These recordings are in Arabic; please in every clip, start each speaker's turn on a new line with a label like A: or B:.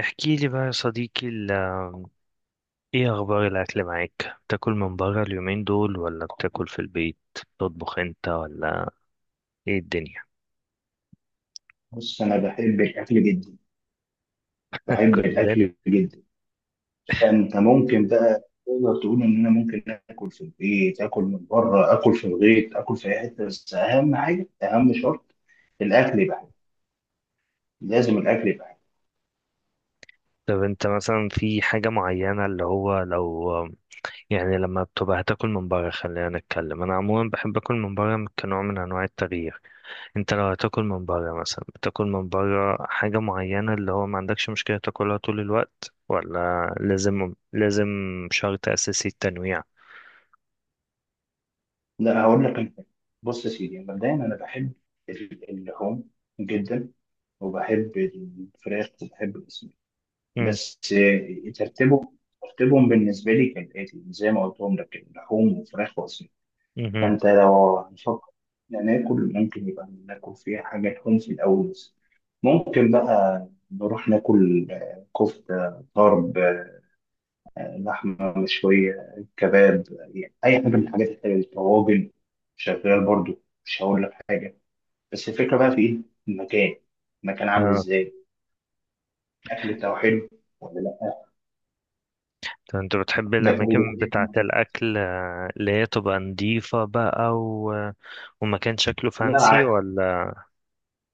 A: احكي لي بقى يا صديقي ايه اخبار الاكل معاك؟ بتاكل من بره اليومين دول ولا بتاكل في البيت؟ تطبخ انت ولا ايه الدنيا؟
B: بص، انا بحب الاكل جدا. بحب
A: كلنا.
B: الاكل جدا فانت ممكن بقى تقدر تقول ان انا ممكن اكل في البيت، اكل من بره، اكل في الغيط، اكل في اي حته. بس اهم حاجه، اهم شرط، الاكل يبقى حلو. لازم الاكل يبقى حلو
A: طب انت مثلا في حاجة معينة اللي هو لو يعني لما بتبقى هتاكل من بره، خلينا نتكلم، انا عموما بحب اكل من بره كنوع من انواع التغيير. انت لو هتاكل من بره مثلا بتاكل من بره حاجة معينة اللي هو ما عندكش مشكلة تاكلها طول الوقت، ولا لازم لازم شرط اساسي التنويع؟
B: لا هقول لك. انا بص يا سيدي، مبدئيا انا بحب اللحوم جدا، وبحب الفراخ وبحب الاسماك. بس ترتيبهم بالنسبه لي كالاتي زي ما قلتهم لك، لحوم وفراخ واسماك.
A: مم.
B: فأنت لو هنفكر ناكل، ممكن يبقى ناكل فيها حاجة تكون في الأول بس. ممكن بقى نروح ناكل كفتة طرب، لحمة مشوية، كباب، يعني أي حاجة من الحاجات الحلوة دي. طواجن شغال برضو، مش هقول لك حاجة. بس الفكرة بقى في إيه؟ المكان. المكان عامل
A: اه.
B: إزاي؟ أكل بتاعه حلو ولا لأ؟
A: طب انت بتحب
B: ده كله،
A: الاماكن
B: الحاجات دي
A: بتاعه
B: مهمة.
A: الاكل، اللي هي تبقى نضيفه بقى، ومكان شكله
B: لا،
A: فانسي
B: عادي.
A: ولا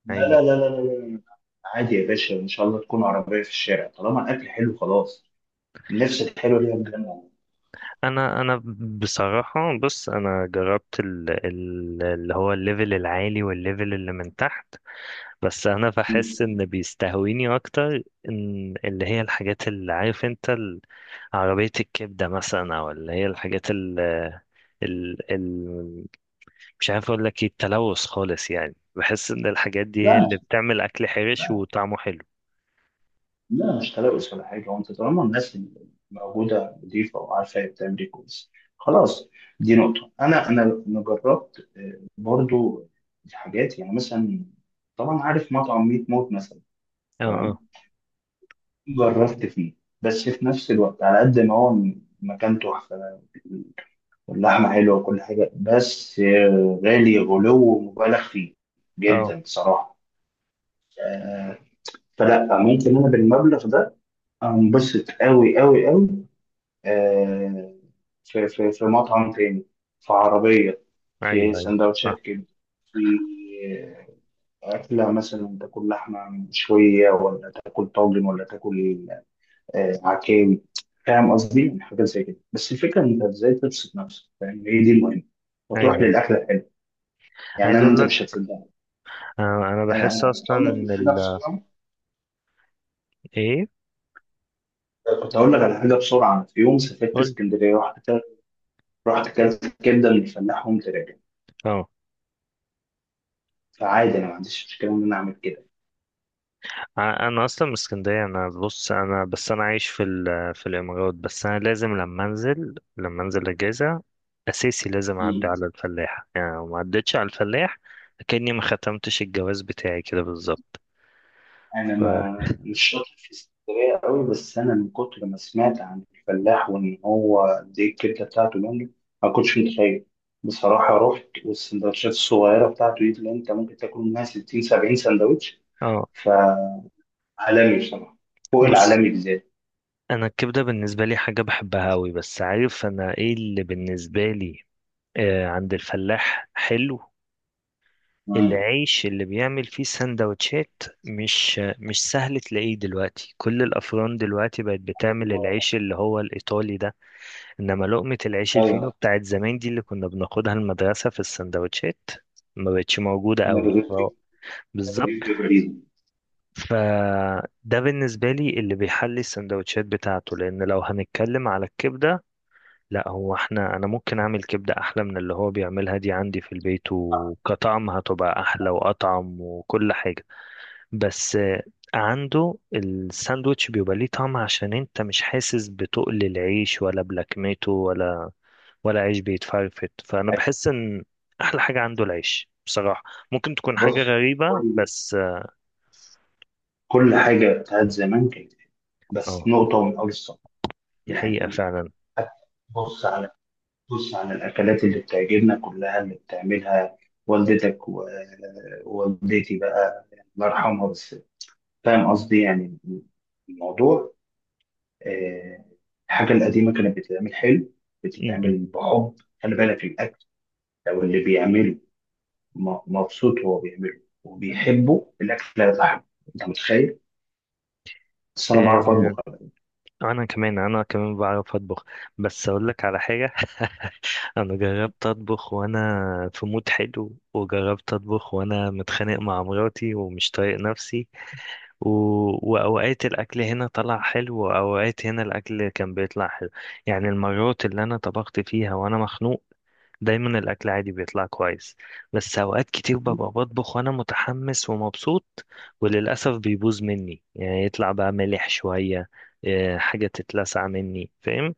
B: لا، لا،
A: عادي؟
B: لا، لا، لا، لا. لا. عادي يا باشا، إن شاء الله تكون عربية في الشارع، طالما الأكل حلو خلاص. النفس الحلوه دي بجد يعني.
A: انا بصراحه بص، انا جربت اللي هو الليفل العالي والليفل اللي من تحت، بس انا بحس
B: مم.
A: ان بيستهويني اكتر ان اللي هي الحاجات، اللي عارف انت عربيه الكبده مثلا، او اللي هي الحاجات ال... مش عارف اقول لك ايه، التلوث خالص يعني، بحس ان الحاجات دي
B: لا،
A: هي اللي
B: مش،
A: بتعمل اكل حرش
B: لا،
A: وطعمه حلو.
B: لا مش تلوث ولا حاجه. وانت طالما الناس اللي موجوده نظيفه وعارفه هي بتعمل ايه كويس، خلاص. دي نقطه. انا أنا جربت، برضو، حاجات يعني. مثلا طبعا عارف مطعم ميت موت مثلا.
A: اه،
B: تمام،
A: اه.
B: جربت فيه. بس في نفس الوقت، على قد ما هو مكان تحفه واللحمه حلوه وكل حاجه، بس غالي، غلو مبالغ فيه
A: اه.
B: جدا بصراحه. فلا ممكن انا بالمبلغ ده انبسط قوي قوي قوي. آه، في مطعم تاني، في عربية، في
A: ايوه ايوه. صح.
B: سندوتشات كده، في أكلة. مثلا تاكل لحمة مشوية، ولا تاكل طاجن، ولا تاكل عكاوي. فاهم قصدي؟ حاجات زي كده. بس الفكرة، إن أنت إزاي تبسط نفسك، فاهم؟ هي دي المهمة.
A: ايوه،
B: وتروح
A: أيوة.
B: للأكلة الحلوة. يعني
A: عايز
B: أنا،
A: اقول
B: أنت
A: لك.
B: مش هتصدقني.
A: آه انا
B: أنا
A: بحس
B: أنا كنت
A: اصلا
B: أقول لك على
A: ان
B: حاجة بسرعة.
A: ايه.
B: كنت أقول لك على حاجة بسرعة. في يوم سافرت
A: قلت.
B: اسكندرية، رحت اكلت الكبده اللي الفلاح وقمت راجع.
A: اه.
B: فعادي، انا ما عنديش مشكله ان انا اعمل كده.
A: انا اصلا من اسكندريه، انا بص، انا عايش في الامارات، بس انا لازم لما انزل اجازه اساسي لازم اعدي
B: مم.
A: على الفلاح. يعني لو ما عدتش على الفلاح كاني ما ختمتش الجواز بتاعي كده بالظبط.
B: انا
A: ف
B: ما مش شاطر في السفرية قوي، بس انا من كتر ما سمعت عن الفلاح وان هو دي الكبده بتاعته جامده، ما كنتش متخيل. بصراحه رحت، والسندوتشات الصغيره بتاعته دي اللي انت ممكن تاكل منها 60 70 سندوتش.
A: اه
B: فعالمي بصراحه، فوق
A: بص،
B: العالمي بالذات.
A: انا الكبده بالنسبه لي حاجه بحبها قوي، بس عارف انا ايه اللي بالنسبه لي؟ عند الفلاح حلو.
B: مم.
A: العيش اللي بيعمل فيه سندوتشات مش سهل تلاقيه دلوقتي. كل الافران دلوقتي بقت بتعمل
B: و-
A: العيش اللي هو الايطالي ده. انما لقمه العيش
B: ايوه،
A: الفينو بتاعت زمان دي، اللي كنا بناخدها المدرسه في السندوتشات، ما بقتش موجوده
B: انا
A: قوي
B: بدأت فيه.
A: أه،
B: أنا
A: بالظبط.
B: بجيب جبريل.
A: فده بالنسبه لي اللي بيحلي السندوتشات بتاعته، لان لو هنتكلم على الكبده، لا، هو احنا، انا ممكن اعمل كبدة احلى من اللي هو بيعملها دي عندي في البيت، وكطعم هتبقى احلى واطعم وكل حاجة. بس عنده الساندوتش بيبقى ليه طعم، عشان انت مش حاسس بتقل العيش ولا بلكمته ولا عيش بيتفرفت. فانا بحس ان احلى حاجة عنده العيش بصراحة. ممكن تكون حاجة
B: بص،
A: غريبة بس اه.
B: كل حاجة بتاعت زمان كانت حلوة. بس
A: آه،
B: نقطة من أول الصف
A: دي حقيقة
B: يعني.
A: فعلا.
B: بص على، بص على الأكلات اللي بتعجبنا كلها، اللي بتعملها والدتك ووالدتي بقى، الله يرحمها. بس فاهم قصدي يعني؟ الموضوع، آه، الحاجة القديمة كانت بتتعمل حلو،
A: م- م.
B: بتتعمل بحب. خلي بالك، الأكل لو اللي بيعمله مبسوط وهو بيعمله وبيحبه، الأكل هيطلع حلو. أنت متخيل؟ بس أنا بعرف
A: آه،
B: أطبخ.
A: انا كمان بعرف اطبخ. بس اقول لك على حاجة، انا جربت اطبخ وانا في مود حلو، وجربت اطبخ وانا متخانق مع مراتي ومش طايق نفسي، و... واوقات الاكل هنا طلع حلو، واوقات هنا الاكل كان بيطلع حلو. يعني المرات اللي انا طبخت فيها وانا مخنوق، دايما الاكل عادي بيطلع كويس، بس اوقات كتير ببقى بطبخ وانا متحمس ومبسوط، وللاسف بيبوظ مني. يعني يطلع بقى مالح شوية، إيه، حاجة تتلسع مني، فاهم؟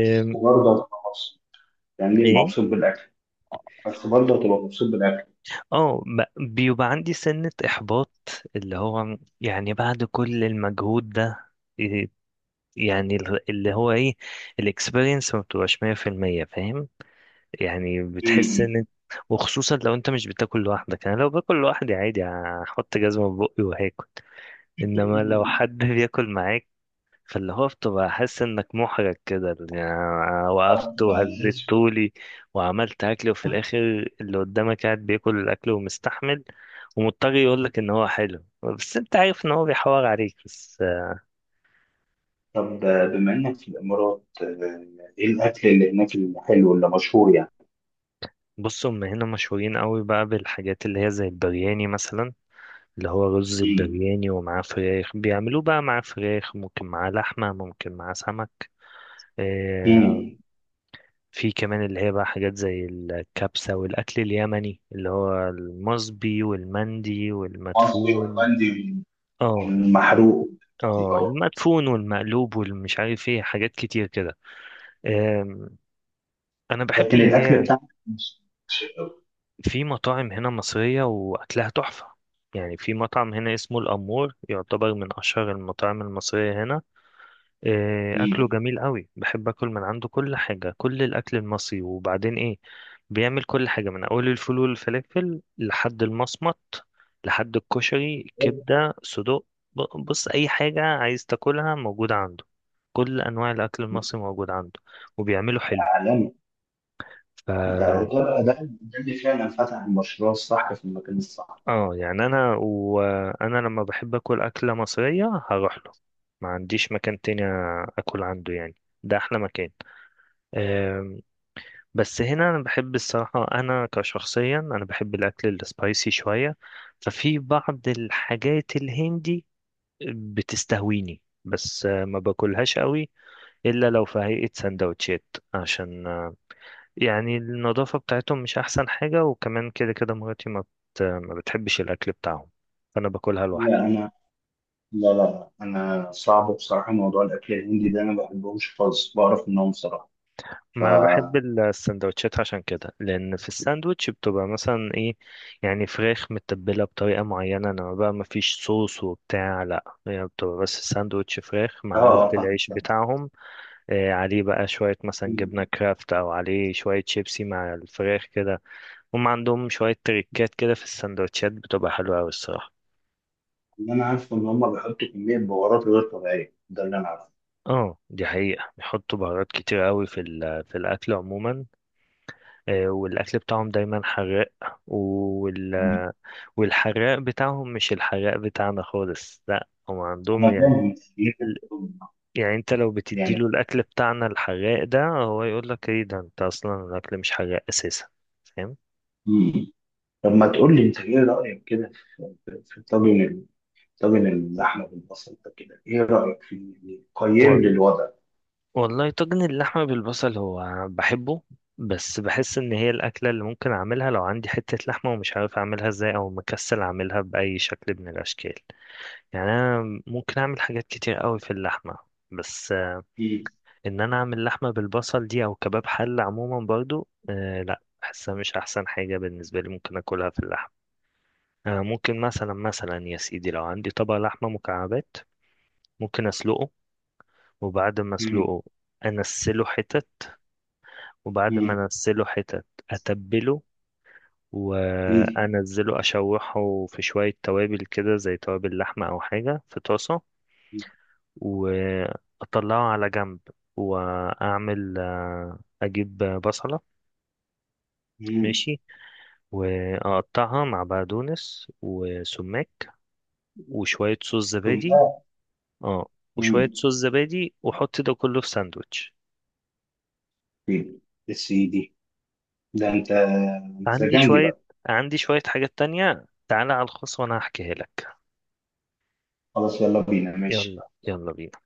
B: بس برضه هتبقى مبسوط، يعني
A: إيه.
B: مبسوط بالاكل. بس برضه هتبقى مبسوط بالاكل.
A: اه ب- بيبقى عندي سنة إحباط، اللي هو يعني بعد كل المجهود ده، إيه، يعني اللي هو ايه، الاكسبيرينس ما بتبقاش 100% فاهم، يعني بتحس
B: امم.
A: ان، وخصوصا لو انت مش بتاكل لوحدك. انا لو باكل لوحدي عادي هحط جزمة في بقي وهاكل، انما لو حد بياكل معايا، فاللي هو بتبقى حاسس انك محرج كده. يعني أنا
B: طب،
A: وقفت وهزيت طولي وعملت اكل، وفي الاخر اللي قدامك قاعد بياكل الاكل ومستحمل، ومضطر يقول لك ان هو حلو بس انت عارف ان هو بيحور عليك بس.
B: طب بما انك في الامارات، ايه الاكل اللي هناك الحلو اللي مشهور يعني؟
A: بص، هم هنا مشهورين قوي بقى بالحاجات اللي هي زي البرياني مثلا، اللي هو رز
B: امم.
A: البرياني ومعاه فراخ، بيعملوه بقى معاه فراخ، ممكن معاه لحمة، ممكن معاه سمك آه،
B: امم.
A: في كمان اللي هي بقى حاجات زي الكبسة والأكل اليمني اللي هو المصبي والمندي
B: مصري
A: والمدفون.
B: وهولندي.
A: اه.
B: والمحروق. دي
A: اه،
B: اه.
A: المدفون والمقلوب والمش عارف ايه، حاجات كتير كده. أم، انا بحب
B: لكن
A: اللي
B: الاكل
A: هي،
B: بتاعنا مش، مش قوي.
A: في مطاعم هنا مصرية واكلها تحفة. يعني في مطعم هنا اسمه الأمور يعتبر من أشهر المطاعم المصرية هنا. إيه، اكله
B: امم.
A: جميل قوي، بحب اكل من عنده كل حاجه، كل الاكل المصري، وبعدين ايه، بيعمل كل حاجه من اول الفول والفلافل لحد المصمت، لحد الكشري، كبده صدوق. بص، اي حاجه عايز تاكلها موجوده عنده. كل انواع الاكل المصري موجود عنده، وبيعمله حلو.
B: عالمي.
A: ف
B: ده هو ده. ده اللي فعلا فتح المشروع الصح في المكان الصح.
A: اه يعني انا، لما بحب اكل اكله مصريه هروح له. ما عنديش مكان تاني اكل عنده يعني، ده احلى مكان. بس هنا انا بحب الصراحه، انا كشخصيا انا بحب الاكل السبايسي شويه، ففي بعض الحاجات الهندي بتستهويني، بس ما باكلهاش قوي الا لو في هيئه سندوتشات، عشان يعني النظافه بتاعتهم مش احسن حاجه، وكمان كده كده مراتي ما بتحبش الاكل بتاعهم، فانا باكلها
B: لا
A: لوحدي.
B: انا، لا لا، انا صعب بصراحه موضوع الاكل الهندي ده. انا ما بحبهمش خالص، بعرف منهم بصراحه. ف
A: ما انا بحب
B: اه،
A: السندوتشات عشان كده، لان في الساندوتش بتبقى مثلا ايه، يعني فراخ متبله بطريقه معينه، انما بقى ما فيش صوص وبتاع، لا، هي بتبقى بس ساندوتش فراخ معمول في
B: فاهم
A: العيش
B: فاهم.
A: بتاعهم. آه، عليه بقى شويه مثلا جبنه
B: مم.
A: كرافت، او عليه شويه شيبسي مع الفراخ كده. هم عندهم شويه تريكات كده في السندوتشات بتبقى حلوه قوي الصراحه.
B: اللي انا عارفه ان هم بيحطوا كميه بهارات غير طبيعيه، ده اللي انا عارفه.
A: اه، دي حقيقة، بيحطوا بهارات كتير قوي في الأكل عموما. آه، والأكل بتاعهم دايما حراق، وال...
B: مم.
A: والحراق بتاعهم مش الحراق بتاعنا خالص، لا هم عندهم
B: انا
A: يعني،
B: فاهم
A: يعني انت لو
B: يعني.
A: بتديله الأكل بتاعنا الحراق ده، هو يقول لك ايه ده، انت أصلا الأكل مش حراق أساسا، فاهم؟
B: مم. طب ما تقول لي انت ايه رايك كده في طاجن، طاجن اللحمه بالبصل ده كده، ايه رايك فيه؟ يعني قيم لي
A: وال-
B: الوضع.
A: والله طاجن اللحمة بالبصل هو بحبه، بس بحس ان هي الأكلة اللي ممكن أعملها لو عندي حتة لحمة ومش عارف أعملها ازاي، أو مكسل أعملها بأي شكل من الأشكال. يعني أنا ممكن أعمل حاجات كتير قوي في اللحمة، بس
B: مم.
A: ان انا اعمل لحمه بالبصل دي او كباب حله عموما برضو آه، لا بحسها مش احسن حاجه بالنسبه لي ممكن اكلها في اللحم. آه، ممكن مثلا، يا سيدي، لو عندي طبق لحمه مكعبات، ممكن اسلقه، وبعد ما
B: مم.
A: اسلقه انسله حتت، وبعد ما
B: مم.
A: انسله حتت اتبله،
B: ايدي.
A: وانزله اشوحه في شويه توابل كده زي توابل لحمه او حاجه في طاسه، واطلعه على جنب، واعمل اجيب بصله،
B: مم.
A: ماشي، واقطعها مع بقدونس وسماق، وشوية صوص
B: ثم.
A: زبادي. اه، وشوية
B: مم.
A: صوص زبادي واحط ده كله في ساندوتش.
B: إيدي. يا سيدي، ده انت
A: عندي
B: مزاجنجي
A: شوية
B: بقى.
A: عندي شوية حاجات تانية، تعالى على الخاص وانا هحكيها لك.
B: خلاص، يلا بينا. ماشي.
A: يلا يلا بينا.